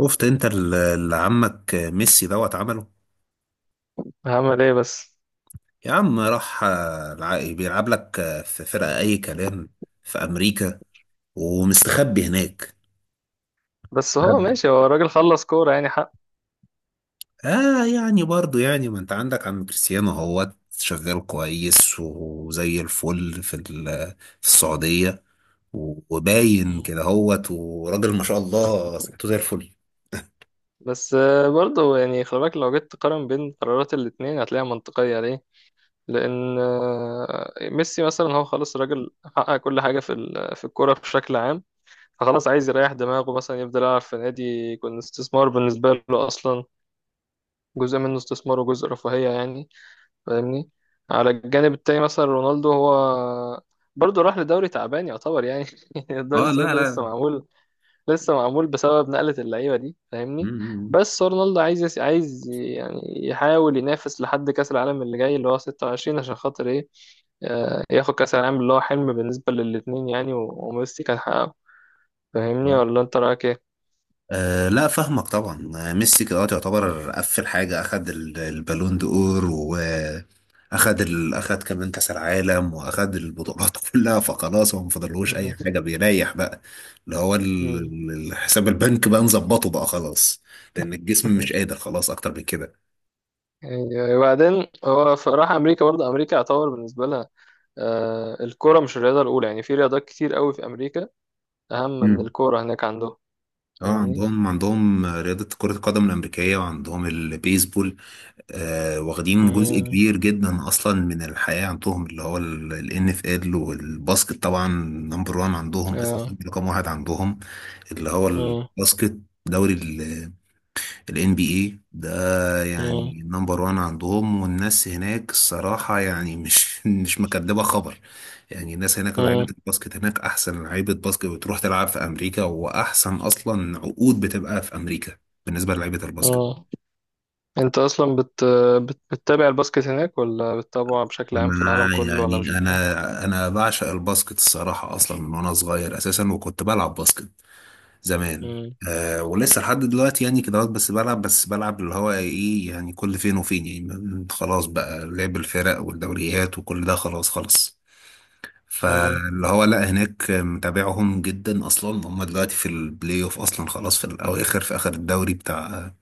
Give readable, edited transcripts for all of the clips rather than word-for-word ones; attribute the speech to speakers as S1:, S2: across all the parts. S1: شفت انت اللي عمك ميسي عمله.
S2: هعمل ايه بس.
S1: يا عم راح، بيلعب لك، في فرقة اي كلام في امريكا ومستخبي هناك.
S2: بس هو
S1: مستخبي.
S2: ماشي، هو الراجل خلص كورة يعني حق.
S1: اه يعني برضو يعني ما انت عندك عم كريستيانو شغال كويس وزي الفل في في السعودية، وباين
S2: مم.
S1: كده وراجل ما شاء الله صحته زي الفل.
S2: بس برضه يعني خلي بالك لو جيت تقارن بين قرارات الاتنين هتلاقيها منطقية ليه؟ لأن ميسي مثلا هو خلاص الراجل حقق كل حاجة في الكورة بشكل عام. فخلاص عايز يريح دماغه، مثلا يفضل يلعب في نادي، يكون استثمار بالنسبة له أصلا، جزء منه استثمار وجزء رفاهية يعني. فاهمني؟ على الجانب التاني مثلا رونالدو، هو برضه راح لدوري تعبان يعتبر يعني الدوري
S1: اه،
S2: السعودي
S1: لا
S2: ده لسه
S1: لا.
S2: معمول، لسه معمول بسبب نقلة اللعيبة دي، فاهمني.
S1: مم.
S2: بس هو رونالدو عايز، عايز يعني يحاول ينافس لحد كأس العالم اللي جاي اللي هو 26، عشان خاطر ايه؟ ياخد كأس العالم اللي هو حلم بالنسبة للاتنين، يعني و- وميسي كان حققه. فاهمني؟ ولا انت رأيك ايه؟
S1: أه، لا فاهمك طبعا. ميسي دلوقتي يعتبر قفل حاجة، أخد البالون دور، وأخد أخد كمان كأس العالم، وأخد البطولات كلها، فخلاص هو مفضلهوش أي
S2: مم.
S1: حاجة، بيريح بقى اللي هو
S2: مم.
S1: الحساب البنك بقى، نظبطه بقى خلاص، لأن الجسم مش قادر خلاص أكتر من كده.
S2: يعني وبعدين هو راح امريكا، برضه امريكا يعتبر بالنسبه لها الكوره مش الرياضه الاولى يعني. في رياضات كتير قوي في امريكا اهم من
S1: مم.
S2: الكوره هناك عندهم.
S1: اه،
S2: فاهمني.
S1: عندهم رياضة كرة القدم الأمريكية، وعندهم البيسبول. واخدين جزء
S2: مم.
S1: كبير جدا اصلا من الحياه عندهم، اللي هو الان اف ال والباسكت، طبعا نمبر وان عندهم،
S2: آه.
S1: اساسا رقم واحد عندهم اللي هو
S2: مم.
S1: الباسكت. دوري الان بي اي ده يعني نمبر وان عندهم، والناس هناك الصراحه يعني مش مش مكدبه خبر، يعني الناس هناك لعيبه
S2: مم.
S1: الباسكت هناك احسن لعيبه باسكت، بتروح تلعب في امريكا، واحسن اصلا عقود بتبقى في امريكا بالنسبه للعيبه الباسكت.
S2: اه، انت اصلا بتتابع الباسكت هناك ولا بتتابعه بشكل عام في العالم
S1: انا
S2: كله، ولا مش
S1: يعني
S2: بتتابعه؟
S1: انا بعشق الباسكت الصراحه اصلا من وانا صغير اساسا، وكنت بلعب باسكت زمان.
S2: مم.
S1: أه، ولسه لحد دلوقتي يعني كده، بس بلعب، اللي هو ايه يعني، كل فين وفين يعني، خلاص بقى لعب الفرق والدوريات وكل ده، خلاص خلاص.
S2: مم.
S1: فاللي هو لا، هناك متابعهم جدا اصلا، هم دلوقتي في البلاي اوف اصلا خلاص، في الاواخر في اخر الدوري بتاع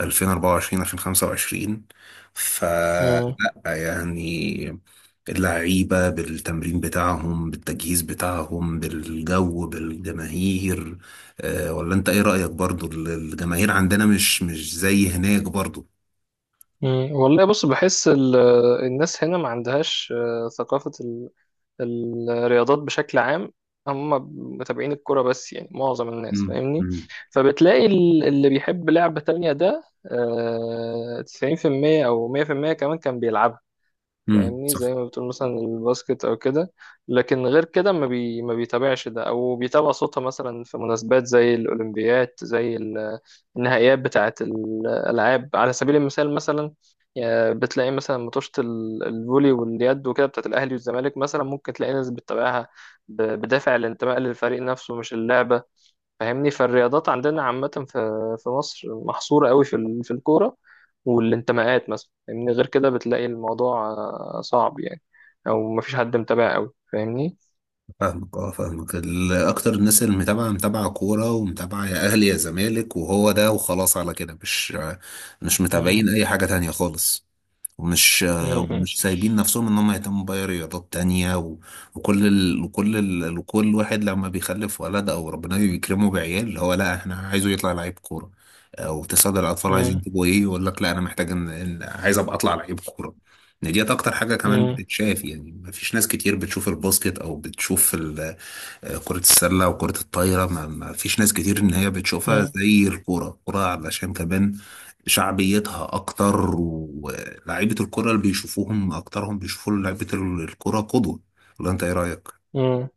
S1: 2024 2025. فلا
S2: مم.
S1: يعني اللعيبة بالتمرين بتاعهم، بالتجهيز بتاعهم، بالجو، بالجماهير، ولا انت ايه رأيك؟ برضو الجماهير عندنا مش زي هناك برضو.
S2: مم. والله بص، بحس الناس هنا ما عندهاش ثقافة الرياضات بشكل عام. هم متابعين الكرة بس يعني معظم الناس،
S1: مم.
S2: فاهمني.
S1: مم.
S2: فبتلاقي اللي بيحب لعبة تانية ده، 90% أو 100% كمان كان بيلعبها.
S1: مم.
S2: فاهمني، زي
S1: صح.
S2: ما بتقول مثلا الباسكت او كده. لكن غير كده ما بيتابعش ده، او بيتابع صوتها مثلا في مناسبات زي الاولمبيات، زي النهائيات بتاعه الالعاب على سبيل المثال مثلا. بتلاقي مثلا ماتشات الفولي واليد وكده بتاعه الاهلي والزمالك، مثلا ممكن تلاقي ناس بتتابعها بدافع الانتماء للفريق نفسه مش اللعبه. فاهمني. فالرياضات عندنا عامة في مصر محصورة قوي في الكورة والانتماءات مثلا، فاهمني. غير كده بتلاقي الموضوع صعب يعني، أو مفيش حد متابع قوي، فاهمني.
S1: فاهمك، اكتر الناس اللي متابعه متابعه كوره، ومتابعه يا اهلي يا زمالك وهو ده وخلاص، على كده مش
S2: مم.
S1: متابعين اي حاجه تانية خالص.
S2: مم.
S1: ومش سايبين نفسهم ان هم يهتموا باي رياضات تانية، وكل واحد لما بيخلف ولد او ربنا بيكرمه بعيال، اللي هو لا احنا عايزه يطلع لعيب كورة او تساعد الاطفال،
S2: مم.
S1: عايزين تبقوا ايه؟ يقول لك لا انا محتاج عايز ابقى اطلع لعيب كورة. إن ديت اكتر حاجة كمان
S2: مم.
S1: بتتشاف، يعني مفيش ناس كتير بتشوف الباسكت او بتشوف كرة السلة وكرة الطايرة، ما فيش ناس كتير إن هي بتشوفها
S2: مم.
S1: زي الكورة. الكورة علشان كمان شعبيتها أكتر، ولاعيبة الكرة اللي بيشوفوهم أكترهم بيشوفوا لعيبة الكرة قدوة. ولا أنت إيه رأيك؟
S2: مم.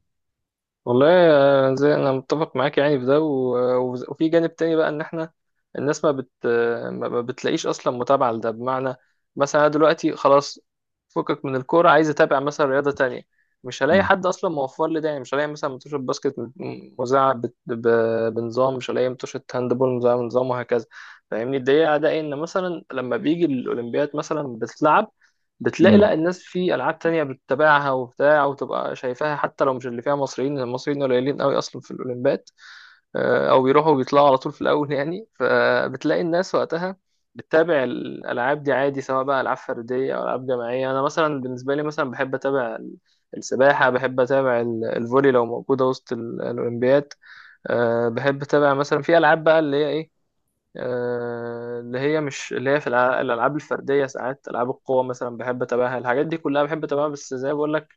S2: والله زي، انا متفق معاك يعني في ده وفي جانب تاني بقى ان احنا الناس ما بت ما ما بتلاقيش اصلا متابعه لده. بمعنى مثلا، انا دلوقتي خلاص فكك من الكوره، عايز اتابع مثلا رياضه تانية. مش هلاقي
S1: مم.
S2: حد اصلا موفر لي ده يعني. مش هلاقي مثلا متوشه باسكت مذاعه بنظام، مش هلاقي متوشه هاندبول مذاعه بنظام، وهكذا. فاهمني. الدقيقه ده ان مثلا لما بيجي الاولمبياد مثلا بتلعب، بتلاقي لا الناس في العاب تانية بتتابعها وبتاع، وتبقى شايفاها حتى لو مش اللي فيها مصريين. المصريين قليلين قوي اصلا في الاولمبياد، او بيروحوا وبيطلعوا على طول في الاول يعني. فبتلاقي الناس وقتها بتتابع الالعاب دي عادي، سواء بقى العاب فرديه او العاب جماعيه. انا مثلا بالنسبه لي مثلا بحب اتابع السباحه، بحب اتابع الفولي لو موجوده وسط الاولمبياد. بحب اتابع مثلا في العاب بقى اللي هي ايه، اللي هي، مش اللي هي في الالعاب الفرديه، ساعات العاب القوه مثلا بحب اتابعها. الحاجات دي كلها بحب اتابعها، بس زي ما بقول لك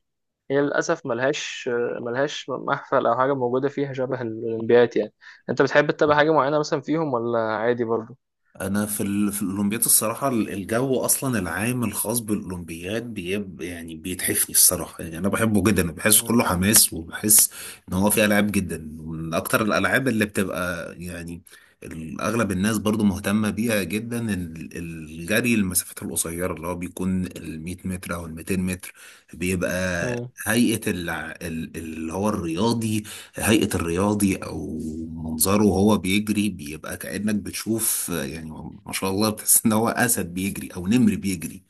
S2: هي للاسف ملهاش ملهاش محفل او حاجه موجوده فيها شبه الاولمبيات يعني. انت بتحب تتابع
S1: مم.
S2: حاجه معينه مثلا فيهم ولا عادي برضو؟
S1: انا في في الاولمبياد الصراحه، الجو اصلا العام الخاص بالاولمبياد يعني بيتحفني الصراحه، يعني انا بحبه جدا، بحس
S2: مم.
S1: كله حماس، وبحس ان هو فيه العاب جدا، ومن اكتر الالعاب اللي بتبقى يعني اغلب الناس برضو مهتمه بيها جدا، الجري المسافات القصيره، اللي هو بيكون ال 100 متر او ال 200 متر، بيبقى
S2: مم.
S1: هيئه اللي هو الرياضي، هيئة الرياضي، أو منظره وهو بيجري، بيبقى كأنك بتشوف يعني ما شاء الله، بتحس إن هو أسد بيجري أو نمر بيجري،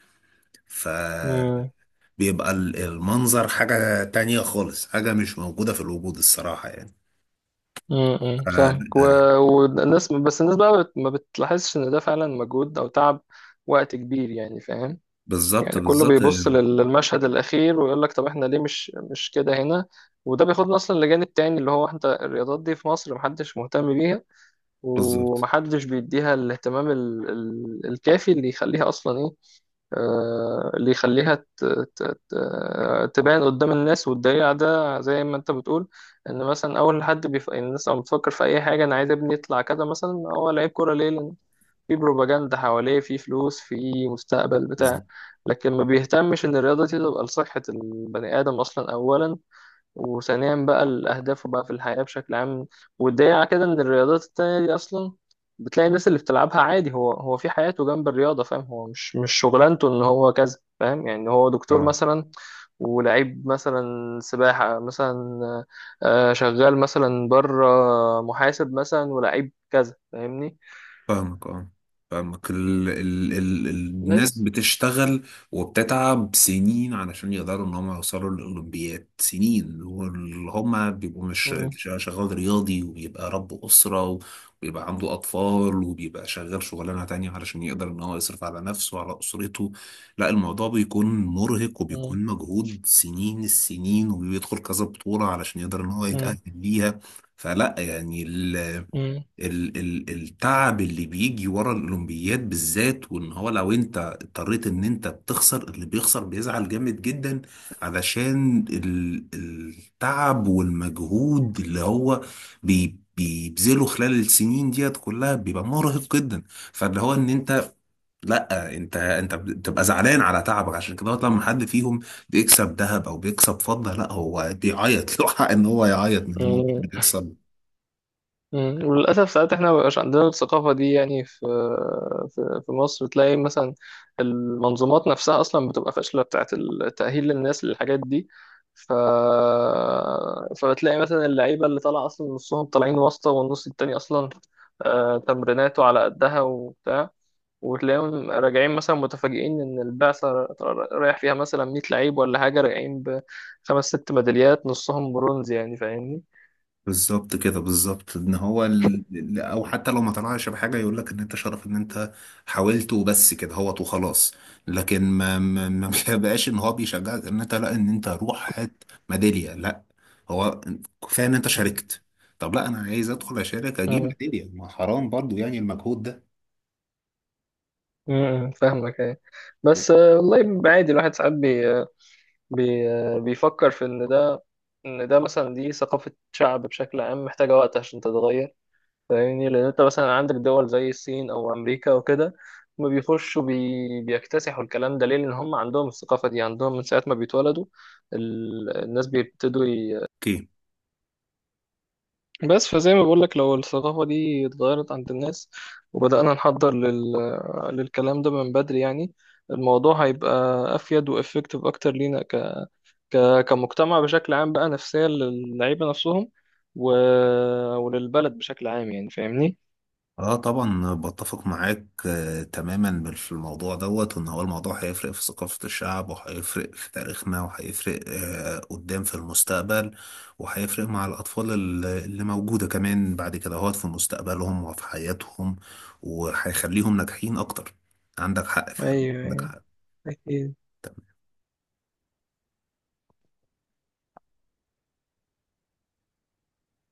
S2: مم.
S1: فبيبقى المنظر حاجة تانية خالص، حاجة مش موجودة في الوجود الصراحة يعني.
S2: مم.
S1: ف-
S2: فاهمك
S1: آه،
S2: والناس، بس الناس بقى ما بتلاحظش ان ده فعلا مجهود او تعب وقت كبير يعني، فاهم.
S1: بالظبط،
S2: يعني كله
S1: بالظبط.
S2: بيبص للمشهد الأخير ويقول لك طب احنا ليه مش كده هنا. وده بياخدنا أصلا لجانب تاني، اللي هو انت الرياضات دي في مصر محدش مهتم بيها،
S1: بالظبط،
S2: ومحدش بيديها الاهتمام الكافي اللي يخليها أصلا ايه. اللي يخليها تبان قدام الناس. والدليل على ده زي ما انت بتقول، ان مثلا اول حد الناس لما بتفكر في اي حاجه، انا عايز ابني يطلع كذا مثلا، هو لعيب كوره ليه؟ لان في بروباجندا حواليه، في فلوس، في مستقبل، بتاع.
S1: بالظبط.
S2: لكن ما بيهتمش ان الرياضة دي تبقى لصحة البني آدم أصلا أولا، وثانيا بقى لأهدافه بقى في الحياة بشكل عام. والدليل على كده إن الرياضات التانية دي أصلا بتلاقي الناس اللي بتلعبها عادي، هو في حياته جنب الرياضة، فاهم. هو مش شغلانته إن هو كذا، فاهم يعني، إن هو دكتور
S1: آه.
S2: مثلا ولعيب مثلا سباحة مثلا، شغال مثلا بره، محاسب مثلا ولعيب كذا، فاهمني.
S1: فاهمك، الناس
S2: بس.
S1: بتشتغل، وبتتعب سنين علشان يقدروا ان هم يوصلوا للاولمبياد، سنين، واللي هم بيبقوا مش شغال رياضي، وبيبقى رب اسره، وبيبقى عنده اطفال، وبيبقى شغال شغلانه تانية علشان يقدر ان هو يصرف على نفسه وعلى اسرته. لا، الموضوع بيكون مرهق،
S2: مم.
S1: وبيكون مجهود سنين السنين، وبيدخل كذا بطوله علشان يقدر ان هو
S2: مم.
S1: يتاهل ليها. فلا يعني
S2: مم.
S1: ال التعب اللي بيجي ورا الاولمبياد بالذات، وان هو لو انت اضطريت ان انت بتخسر، اللي بيخسر بيزعل جامد جدا علشان ال التعب والمجهود اللي هو بيبذله خلال السنين ديت كلها، بيبقى مرهق جدا. فاللي هو ان انت، لا انت، بتبقى زعلان على تعبك، عشان كده لما حد فيهم بيكسب ذهب او بيكسب فضة، لا هو بيعيط، له حق ان هو يعيط من المجهود
S2: مم.
S1: اللي بيحصل.
S2: مم. وللأسف ساعات احنا مبيبقاش عندنا الثقافة دي يعني. في مصر تلاقي مثلا المنظومات نفسها أصلا بتبقى فاشلة بتاعة التأهيل للناس للحاجات دي. ف... فبتلاقي مثلا اللعيبة اللي طالعة أصلا نصهم طالعين واسطة، والنص التاني أصلا تمريناته على قدها وبتاع. وتلاقيهم راجعين مثلا متفاجئين إن البعثة رايح فيها مثلا 100 لعيب ولا حاجة، راجعين ب خمس ست ميداليات نصهم برونز، يعني فاهمني.
S1: بالظبط كده، بالظبط. ان هو او حتى لو ما طلعش بحاجه، يقول لك ان انت شرف ان انت حاولت وبس كده هو، وخلاص. لكن ما ما ما بقاش ان هو بيشجعك ان انت، لا ان انت روح هات ميداليه، لا، هو كفايه ان انت
S2: مم.
S1: شاركت. طب لا، انا عايز ادخل اشارك اجيب ميداليه، ما حرام برضو يعني المجهود ده.
S2: مم. فاهمك ايه. بس والله عادي، الواحد ساعات بي آه، بي آه، بيفكر في ان ده، ان ده مثلا دي ثقافة شعب بشكل عام محتاجة وقت عشان تتغير، فاهمني. لان انت مثلا عندك دول زي الصين او امريكا وكده ما بيخشوا بيكتسحوا الكلام ده ليه؟ لان هم عندهم الثقافة دي عندهم من ساعة ما بيتولدوا. الناس بيبتدوا،
S1: اوكي.
S2: بس. فزي ما بقولك لو الثقافة دي اتغيرت عند الناس، وبدأنا نحضر للكلام ده من بدري يعني، الموضوع هيبقى أفيد وإفكتيف أكتر لينا كمجتمع بشكل عام، بقى نفسيا للعيبة نفسهم و... وللبلد بشكل عام يعني. فاهمني؟
S1: اه طبعا بتفق معاك، تماما في الموضوع، وان هو الموضوع هيفرق في ثقافة الشعب، وهيفرق في تاريخنا، وهيفرق قدام في المستقبل، وهيفرق مع الأطفال اللي موجودة كمان بعد كده، في مستقبلهم وفي حياتهم، وهيخليهم ناجحين أكتر. عندك حق فعلا،
S2: أيوه،
S1: عندك
S2: أيوه،
S1: حق.
S2: أكيد.